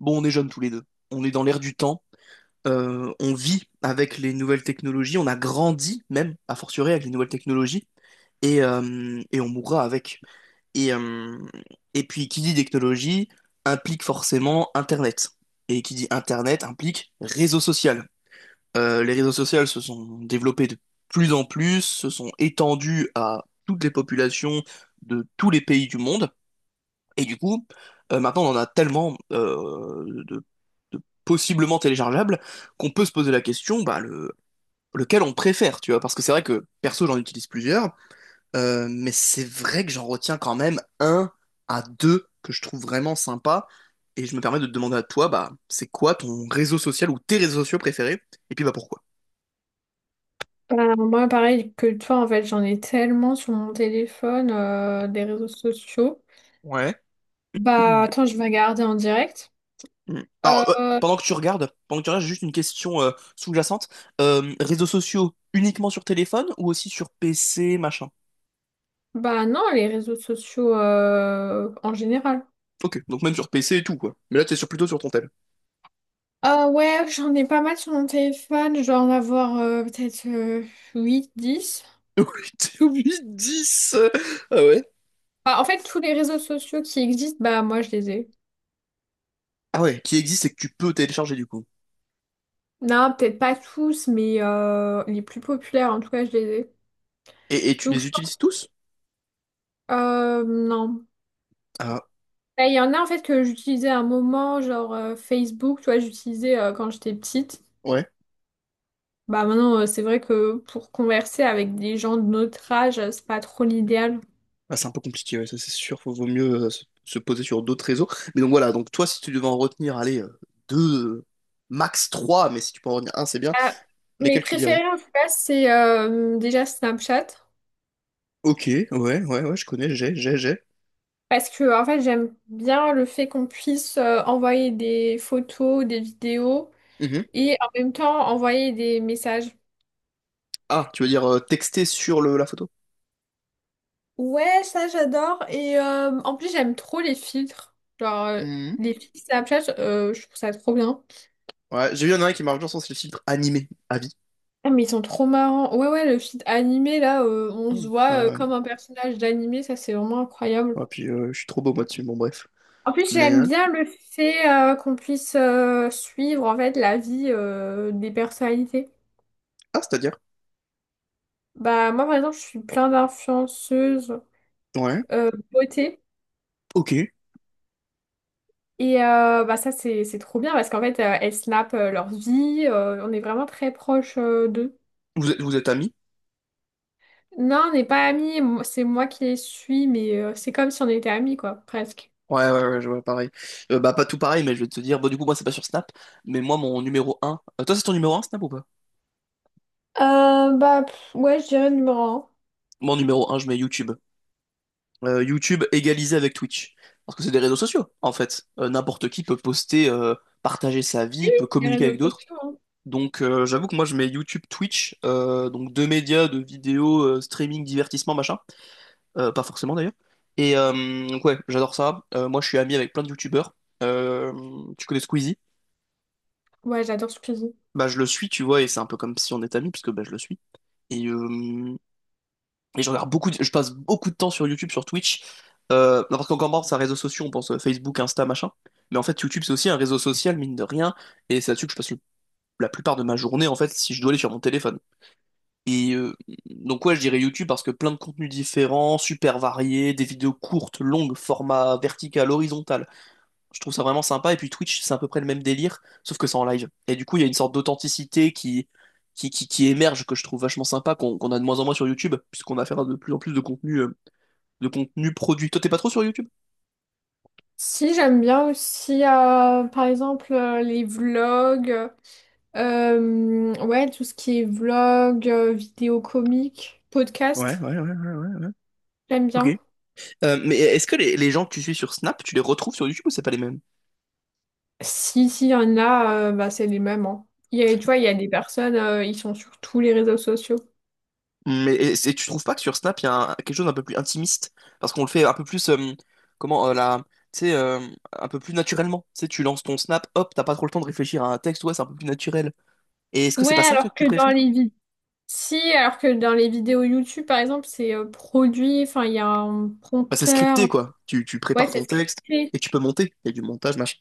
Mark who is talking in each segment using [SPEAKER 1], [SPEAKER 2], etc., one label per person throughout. [SPEAKER 1] Bon, on est jeunes tous les deux. On est dans l'air du temps. On vit avec les nouvelles technologies. On a grandi même, à fortiori, avec les nouvelles technologies. Et on mourra avec. Et, euh, et puis, qui dit technologie implique forcément Internet. Et qui dit Internet implique réseau social. Les réseaux sociaux se sont développés de plus en plus, se sont étendus à toutes les populations de tous les pays du monde. Et du coup, maintenant, on en a tellement de possiblement téléchargeables qu'on peut se poser la question, bah, lequel on préfère, tu vois. Parce que c'est vrai que, perso, j'en utilise plusieurs, mais c'est vrai que j'en retiens quand même un à deux que je trouve vraiment sympa. Et je me permets de te demander à toi, bah, c'est quoi ton réseau social ou tes réseaux sociaux préférés? Et puis, bah, pourquoi?
[SPEAKER 2] Moi, pareil que toi, en fait, j'en ai tellement sur mon téléphone, des réseaux sociaux.
[SPEAKER 1] Ouais.
[SPEAKER 2] Bah, attends, je vais regarder en direct.
[SPEAKER 1] Mm. Alors,
[SPEAKER 2] Euh,
[SPEAKER 1] pendant que tu regardes, pendant que tu regardes, j'ai juste une question sous-jacente. Réseaux sociaux uniquement sur téléphone ou aussi sur PC, machin?
[SPEAKER 2] bah non, les réseaux sociaux en général.
[SPEAKER 1] Ok, donc même sur PC et tout, quoi. Mais là, t'es sur, plutôt sur ton tel.
[SPEAKER 2] Ah ouais, j'en ai pas mal sur mon téléphone. Je dois en avoir peut-être 8-10.
[SPEAKER 1] 8-10! Ah ouais?
[SPEAKER 2] Bah, en fait, tous les réseaux sociaux qui existent, bah moi, je les ai.
[SPEAKER 1] Ah ouais, qui existe et que tu peux télécharger, du coup.
[SPEAKER 2] Non, peut-être pas tous, mais les plus populaires, en tout cas, je les ai.
[SPEAKER 1] Et tu
[SPEAKER 2] Donc,
[SPEAKER 1] les
[SPEAKER 2] je... pense-
[SPEAKER 1] utilises tous?
[SPEAKER 2] non.
[SPEAKER 1] Ah
[SPEAKER 2] Bah, il y en a en fait que j'utilisais à un moment, genre Facebook, tu vois, j'utilisais quand j'étais petite.
[SPEAKER 1] ouais.
[SPEAKER 2] Bah maintenant, c'est vrai que pour converser avec des gens de notre âge, c'est pas trop l'idéal.
[SPEAKER 1] Ah, c'est un peu compliqué, ouais, ça c'est sûr. Vaut mieux se poser sur d'autres réseaux. Mais donc voilà, donc toi, si tu devais en retenir, allez, deux, max trois, mais si tu peux en retenir un, c'est bien.
[SPEAKER 2] Ah, mes
[SPEAKER 1] Lesquels tu dirais?
[SPEAKER 2] préférés en tout cas, c'est déjà Snapchat.
[SPEAKER 1] Ok, ouais, ouais, ouais, je connais, j'ai, j'ai.
[SPEAKER 2] Parce que en fait, j'aime bien le fait qu'on puisse envoyer des photos, des vidéos
[SPEAKER 1] Mhm.
[SPEAKER 2] et en même temps envoyer des messages.
[SPEAKER 1] Ah, tu veux dire texter sur la photo?
[SPEAKER 2] Ouais, ça j'adore. Et en plus, j'aime trop les filtres. Genre, euh,
[SPEAKER 1] Mhm.
[SPEAKER 2] les filtres Snapchat, je trouve ça trop bien.
[SPEAKER 1] Ouais, j'ai vu, il y en a un qui marche bien, je pense, c'est le filtre animé, à vie.
[SPEAKER 2] Ah, mais ils sont trop marrants. Ouais, ouais, le feed animé, là, on se
[SPEAKER 1] Mhm.
[SPEAKER 2] voit
[SPEAKER 1] Ouais,
[SPEAKER 2] comme un personnage d'animé, ça, c'est vraiment incroyable.
[SPEAKER 1] ouais, puis je suis trop beau moi dessus, bon bref.
[SPEAKER 2] En plus,
[SPEAKER 1] Mais,
[SPEAKER 2] j'aime
[SPEAKER 1] euh,
[SPEAKER 2] bien le fait qu'on puisse suivre, en fait, la vie des personnalités.
[SPEAKER 1] ah, c'est-à-dire?
[SPEAKER 2] Bah, moi, par exemple, je suis plein d'influenceuses
[SPEAKER 1] Ouais,
[SPEAKER 2] beauté.
[SPEAKER 1] ok.
[SPEAKER 2] Et bah, ça, c'est trop bien parce qu'en fait, elles snapent leur vie. On est vraiment très proche d'eux.
[SPEAKER 1] Vous êtes amis?
[SPEAKER 2] Non, on n'est pas amis. C'est moi qui les suis, mais c'est comme si on était amis, quoi, presque.
[SPEAKER 1] Ouais, ouais, ouais, je vois, pareil. Bah, pas tout pareil, mais je vais te dire, bon, du coup, moi, c'est pas sur Snap, mais moi, mon numéro 1... toi, c'est ton numéro un Snap, ou pas?
[SPEAKER 2] Ouais, je dirais numéro 1.
[SPEAKER 1] Moi, en numéro un, je mets YouTube. YouTube égalisé avec Twitch. Parce que c'est des réseaux sociaux, en fait. N'importe qui peut poster, partager sa
[SPEAKER 2] Oui,
[SPEAKER 1] vie,
[SPEAKER 2] oui,
[SPEAKER 1] peut
[SPEAKER 2] les
[SPEAKER 1] communiquer
[SPEAKER 2] réseaux
[SPEAKER 1] avec d'autres.
[SPEAKER 2] sociaux, hein.
[SPEAKER 1] Donc j'avoue que moi je mets YouTube, Twitch, donc deux médias de vidéos streaming, divertissement, machin. Pas forcément d'ailleurs. Donc ouais, j'adore ça. Moi je suis ami avec plein de YouTubeurs. Euh, tu connais Squeezie?
[SPEAKER 2] Ouais, j'adore Squeezie.
[SPEAKER 1] Bah je le suis, tu vois, et c'est un peu comme si on était amis, puisque bah, je le suis. Et euh, Et je regarde beaucoup, je passe beaucoup de temps sur YouTube, sur Twitch. Parce qu'encore marre, c'est un réseau social, on pense Facebook, Insta, machin. Mais en fait, YouTube, c'est aussi un réseau social, mine de rien. Et c'est là-dessus que je passe la plupart de ma journée, en fait, si je dois aller sur mon téléphone. Et euh, donc, ouais, je dirais YouTube parce que plein de contenus différents, super variés, des vidéos courtes, longues, format vertical, horizontal. Je trouve ça vraiment sympa. Et puis Twitch, c'est à peu près le même délire, sauf que c'est en live. Et du coup, il y a une sorte d'authenticité qui, qui émerge, que je trouve vachement sympa, qu'on a de moins en moins sur YouTube, puisqu'on a affaire à de plus en plus de contenu produit. Toi, t'es pas trop sur YouTube?
[SPEAKER 2] Si, j'aime bien aussi, par exemple, les vlogs. Ouais, tout ce qui est vlog, vidéo comique,
[SPEAKER 1] Ouais,
[SPEAKER 2] podcast.
[SPEAKER 1] ouais, ouais, ouais, ouais, ouais.
[SPEAKER 2] J'aime
[SPEAKER 1] Ok.
[SPEAKER 2] bien.
[SPEAKER 1] Mais est-ce que les gens que tu suis sur Snap, tu les retrouves sur YouTube ou c'est pas les mêmes?
[SPEAKER 2] Si, s'il y en a, bah, c'est les mêmes, hein. Il y a, tu vois, il y a des personnes, ils sont sur tous les réseaux sociaux.
[SPEAKER 1] Mais et tu trouves pas que sur Snap, il y a quelque chose d'un peu plus intimiste? Parce qu'on le fait un peu plus, comment, la, tu sais, un peu plus naturellement. Tu sais, tu lances ton Snap, hop, t'as pas trop le temps de réfléchir à un texte, ouais, c'est un peu plus naturel. Et est-ce que
[SPEAKER 2] Ouais,
[SPEAKER 1] c'est pas ça, toi,
[SPEAKER 2] alors
[SPEAKER 1] que tu
[SPEAKER 2] que dans
[SPEAKER 1] préfères?
[SPEAKER 2] les vies. Si, alors que dans les vidéos YouTube, par exemple, c'est produit, enfin, il y a un
[SPEAKER 1] Bah, c'est
[SPEAKER 2] prompteur.
[SPEAKER 1] scripté, quoi. Tu
[SPEAKER 2] Ouais,
[SPEAKER 1] prépares
[SPEAKER 2] c'est
[SPEAKER 1] ton texte
[SPEAKER 2] scripté.
[SPEAKER 1] et tu peux monter. Il y a du montage, machin.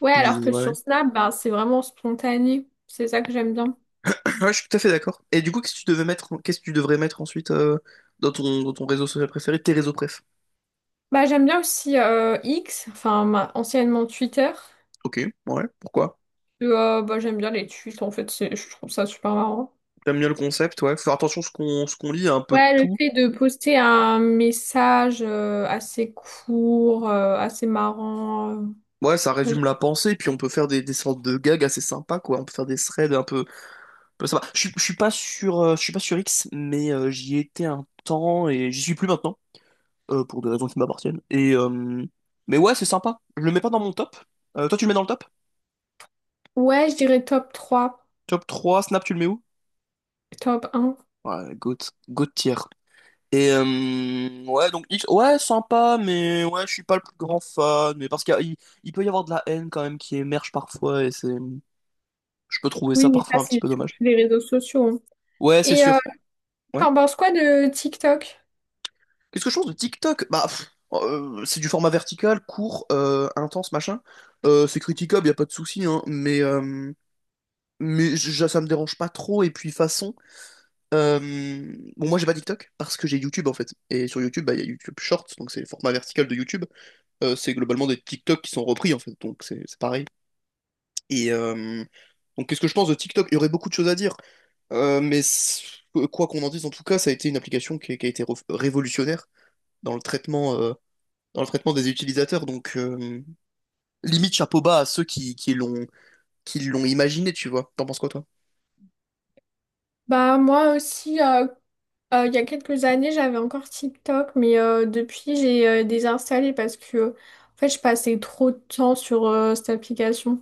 [SPEAKER 2] Ouais,
[SPEAKER 1] Et
[SPEAKER 2] alors que
[SPEAKER 1] ouais, ouais.
[SPEAKER 2] sur Snap, bah, c'est vraiment spontané. C'est ça que j'aime bien.
[SPEAKER 1] Ouais, je suis tout à fait d'accord. Et du coup, qu'est-ce que tu devais mettre, qu'est-ce que tu devrais mettre ensuite dans ton réseau social préféré, tes réseaux préf.
[SPEAKER 2] Bah, j'aime bien aussi X, anciennement Twitter.
[SPEAKER 1] Ok, ouais, pourquoi?
[SPEAKER 2] Bah, j'aime bien les tweets, en fait, je trouve ça super marrant.
[SPEAKER 1] J'aime bien le concept, ouais. Faut faire attention à ce qu'on lit, à un peu de
[SPEAKER 2] Ouais, le
[SPEAKER 1] tout.
[SPEAKER 2] fait de poster un message assez court, assez marrant.
[SPEAKER 1] Ouais, ça
[SPEAKER 2] Moi, j'ai-
[SPEAKER 1] résume la pensée, puis on peut faire des sortes de gags assez sympas, quoi. On peut faire des threads un peu sympas. Je suis pas sur, je suis pas sur X, mais j'y étais un temps et j'y suis plus maintenant, pour des raisons qui m'appartiennent. Mais ouais, c'est sympa. Je le mets pas dans mon top. Toi, tu le mets dans le top?
[SPEAKER 2] Ouais, je dirais top trois,
[SPEAKER 1] Top 3 Snap, tu le mets où?
[SPEAKER 2] top un.
[SPEAKER 1] Ouais, GOAT, GOAT tier. Ouais, donc X, ouais, sympa, mais ouais, je suis pas le plus grand fan. Mais parce qu'il y a- il peut y avoir de la haine quand même qui émerge parfois, et c'est, je peux trouver ça
[SPEAKER 2] Oui, mais ça,
[SPEAKER 1] parfois un petit
[SPEAKER 2] c'est
[SPEAKER 1] peu
[SPEAKER 2] sur
[SPEAKER 1] dommage.
[SPEAKER 2] tous les réseaux sociaux, hein.
[SPEAKER 1] Ouais, c'est
[SPEAKER 2] Et euh,
[SPEAKER 1] sûr. Ouais.
[SPEAKER 2] t'en penses quoi de TikTok?
[SPEAKER 1] Qu'est-ce que je pense de TikTok? Bah, pff, oh, c'est du format vertical, court, intense, machin. C'est critiquable, y a pas de souci, hein. Mais ça me dérange pas trop. Et puis façon. Bon, moi j'ai pas TikTok parce que j'ai YouTube en fait. Et sur YouTube, bah, il y a YouTube Shorts, donc c'est le format vertical de YouTube. C'est globalement des TikTok qui sont repris en fait, donc c'est pareil. Et euh, donc qu'est-ce que je pense de TikTok? Il y aurait beaucoup de choses à dire, Euh, mais c- quoi qu'on en dise, en tout cas, ça a été une application qui a été révolutionnaire dans le traitement, euh, dans le traitement des utilisateurs. Donc limite chapeau bas à ceux qui l'ont imaginé, tu vois. T'en penses quoi toi?
[SPEAKER 2] Bah, moi aussi, il y a quelques années, j'avais encore TikTok, mais depuis, j'ai désinstallé parce que en fait, je passais trop de temps sur cette application.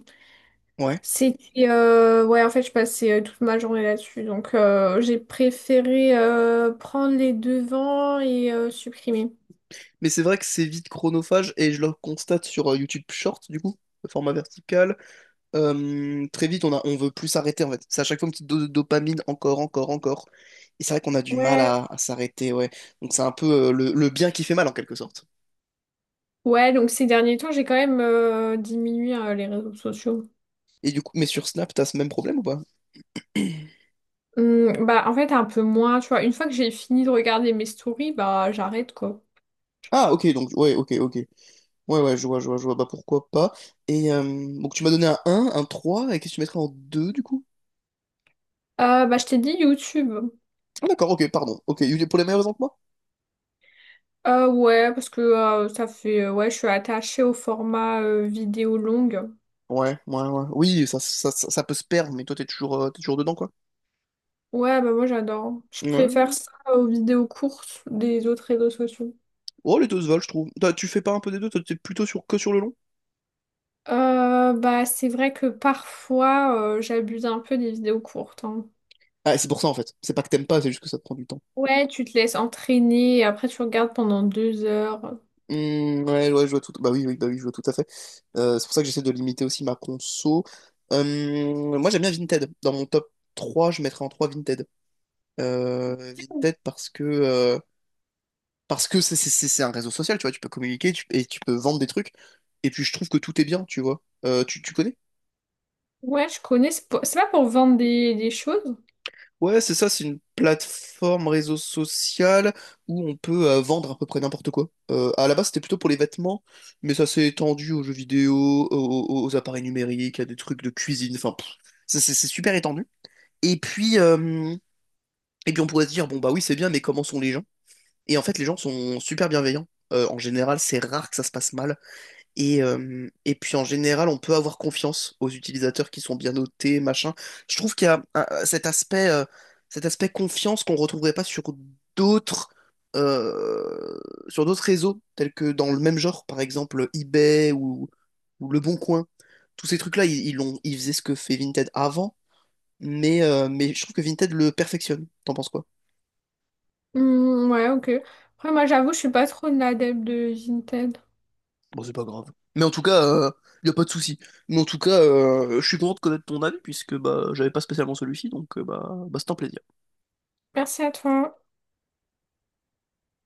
[SPEAKER 1] Ouais.
[SPEAKER 2] C'était ouais, en fait, je passais toute ma journée là-dessus, donc j'ai préféré prendre les devants et supprimer.
[SPEAKER 1] Mais c'est vrai que c'est vite chronophage et je le constate sur YouTube Short, du coup, le format vertical. Très vite, on a, on veut plus s'arrêter en fait. C'est à chaque fois une petite dose de dopamine, encore, encore, encore. Et c'est vrai qu'on a du mal
[SPEAKER 2] Ouais.
[SPEAKER 1] à s'arrêter, ouais. Donc c'est un peu le bien qui fait mal en quelque sorte.
[SPEAKER 2] Ouais, donc ces derniers temps, j'ai quand même diminué les réseaux sociaux.
[SPEAKER 1] Et du coup, mais sur Snap, t'as ce même problème ou pas?
[SPEAKER 2] Bah, en fait, un peu moins, tu vois. Une fois que j'ai fini de regarder mes stories, bah, j'arrête, quoi. Genre.
[SPEAKER 1] Ah, ok, donc, ouais, ok, ok. Ouais, ouais, je vois, je vois, je vois. Bah pourquoi pas. Donc tu m'as donné un 1, un 3 et qu'est-ce que tu mettrais en 2 du coup?
[SPEAKER 2] Bah, je t'ai dit YouTube.
[SPEAKER 1] Ah, d'accord, ok, pardon. Ok, pour les meilleures raisons que moi?
[SPEAKER 2] Ouais, parce que ça fait. Ouais, je suis attachée au format vidéo longue.
[SPEAKER 1] Ouais, ouais, ouais. Oui, ça peut se perdre, mais toi, t'es toujours dedans, quoi.
[SPEAKER 2] Ouais, bah moi j'adore. Je
[SPEAKER 1] Ouais.
[SPEAKER 2] préfère ça aux vidéos courtes des autres réseaux sociaux.
[SPEAKER 1] Oh, les deux se valent, je trouve. Toi, tu fais pas un peu des deux, toi, t'es plutôt sur, que sur le long?
[SPEAKER 2] Bah c'est vrai que parfois j'abuse un peu des vidéos courtes, hein.
[SPEAKER 1] Ah, c'est pour ça, en fait. C'est pas que t'aimes pas, c'est juste que ça te prend du temps.
[SPEAKER 2] Ouais, tu te laisses entraîner et après tu regardes pendant 2 heures.
[SPEAKER 1] Hmm, ouais, ouais, je vois tout. Bah oui, oui, bah oui, je vois tout à fait. C'est pour ça que j'essaie de limiter aussi ma conso. Moi, j'aime bien Vinted. Dans mon top 3, je mettrais en 3 Vinted. Vinted parce que c'est un réseau social, tu vois. Tu peux communiquer et tu peux vendre des trucs. Et puis, je trouve que tout est bien, tu vois. Tu connais?
[SPEAKER 2] Ouais, je connais. C'est pas pour vendre des choses.
[SPEAKER 1] Ouais, c'est ça, c'est une plateforme réseau social où on peut vendre à peu près n'importe quoi. À la base, c'était plutôt pour les vêtements, mais ça s'est étendu aux jeux vidéo, aux appareils numériques, à des trucs de cuisine, enfin, pff, ça, c'est super étendu. Et puis, euh, et puis, on pourrait se dire, bon, bah oui, c'est bien, mais comment sont les gens? Et en fait, les gens sont super bienveillants. En général, c'est rare que ça se passe mal. Et puis en général, on peut avoir confiance aux utilisateurs qui sont bien notés, machin. Je trouve qu'il y a cet aspect confiance qu'on retrouverait pas sur d'autres euh, sur d'autres réseaux, tels que dans le même genre, par exemple eBay ou Le Bon Coin. Tous ces trucs-là, ils faisaient ce que fait Vinted avant, mais je trouve que Vinted le perfectionne. T'en penses quoi?
[SPEAKER 2] Hmm, ouais, ok. Après, moi j'avoue, je suis pas trop une adepte de Vinted.
[SPEAKER 1] Bon, c'est pas grave. Mais en tout cas, il y a pas de souci. Mais en tout cas, je suis content de connaître ton avis puisque bah j'avais pas spécialement celui-ci, donc bah, bah c'est un plaisir.
[SPEAKER 2] Merci à toi.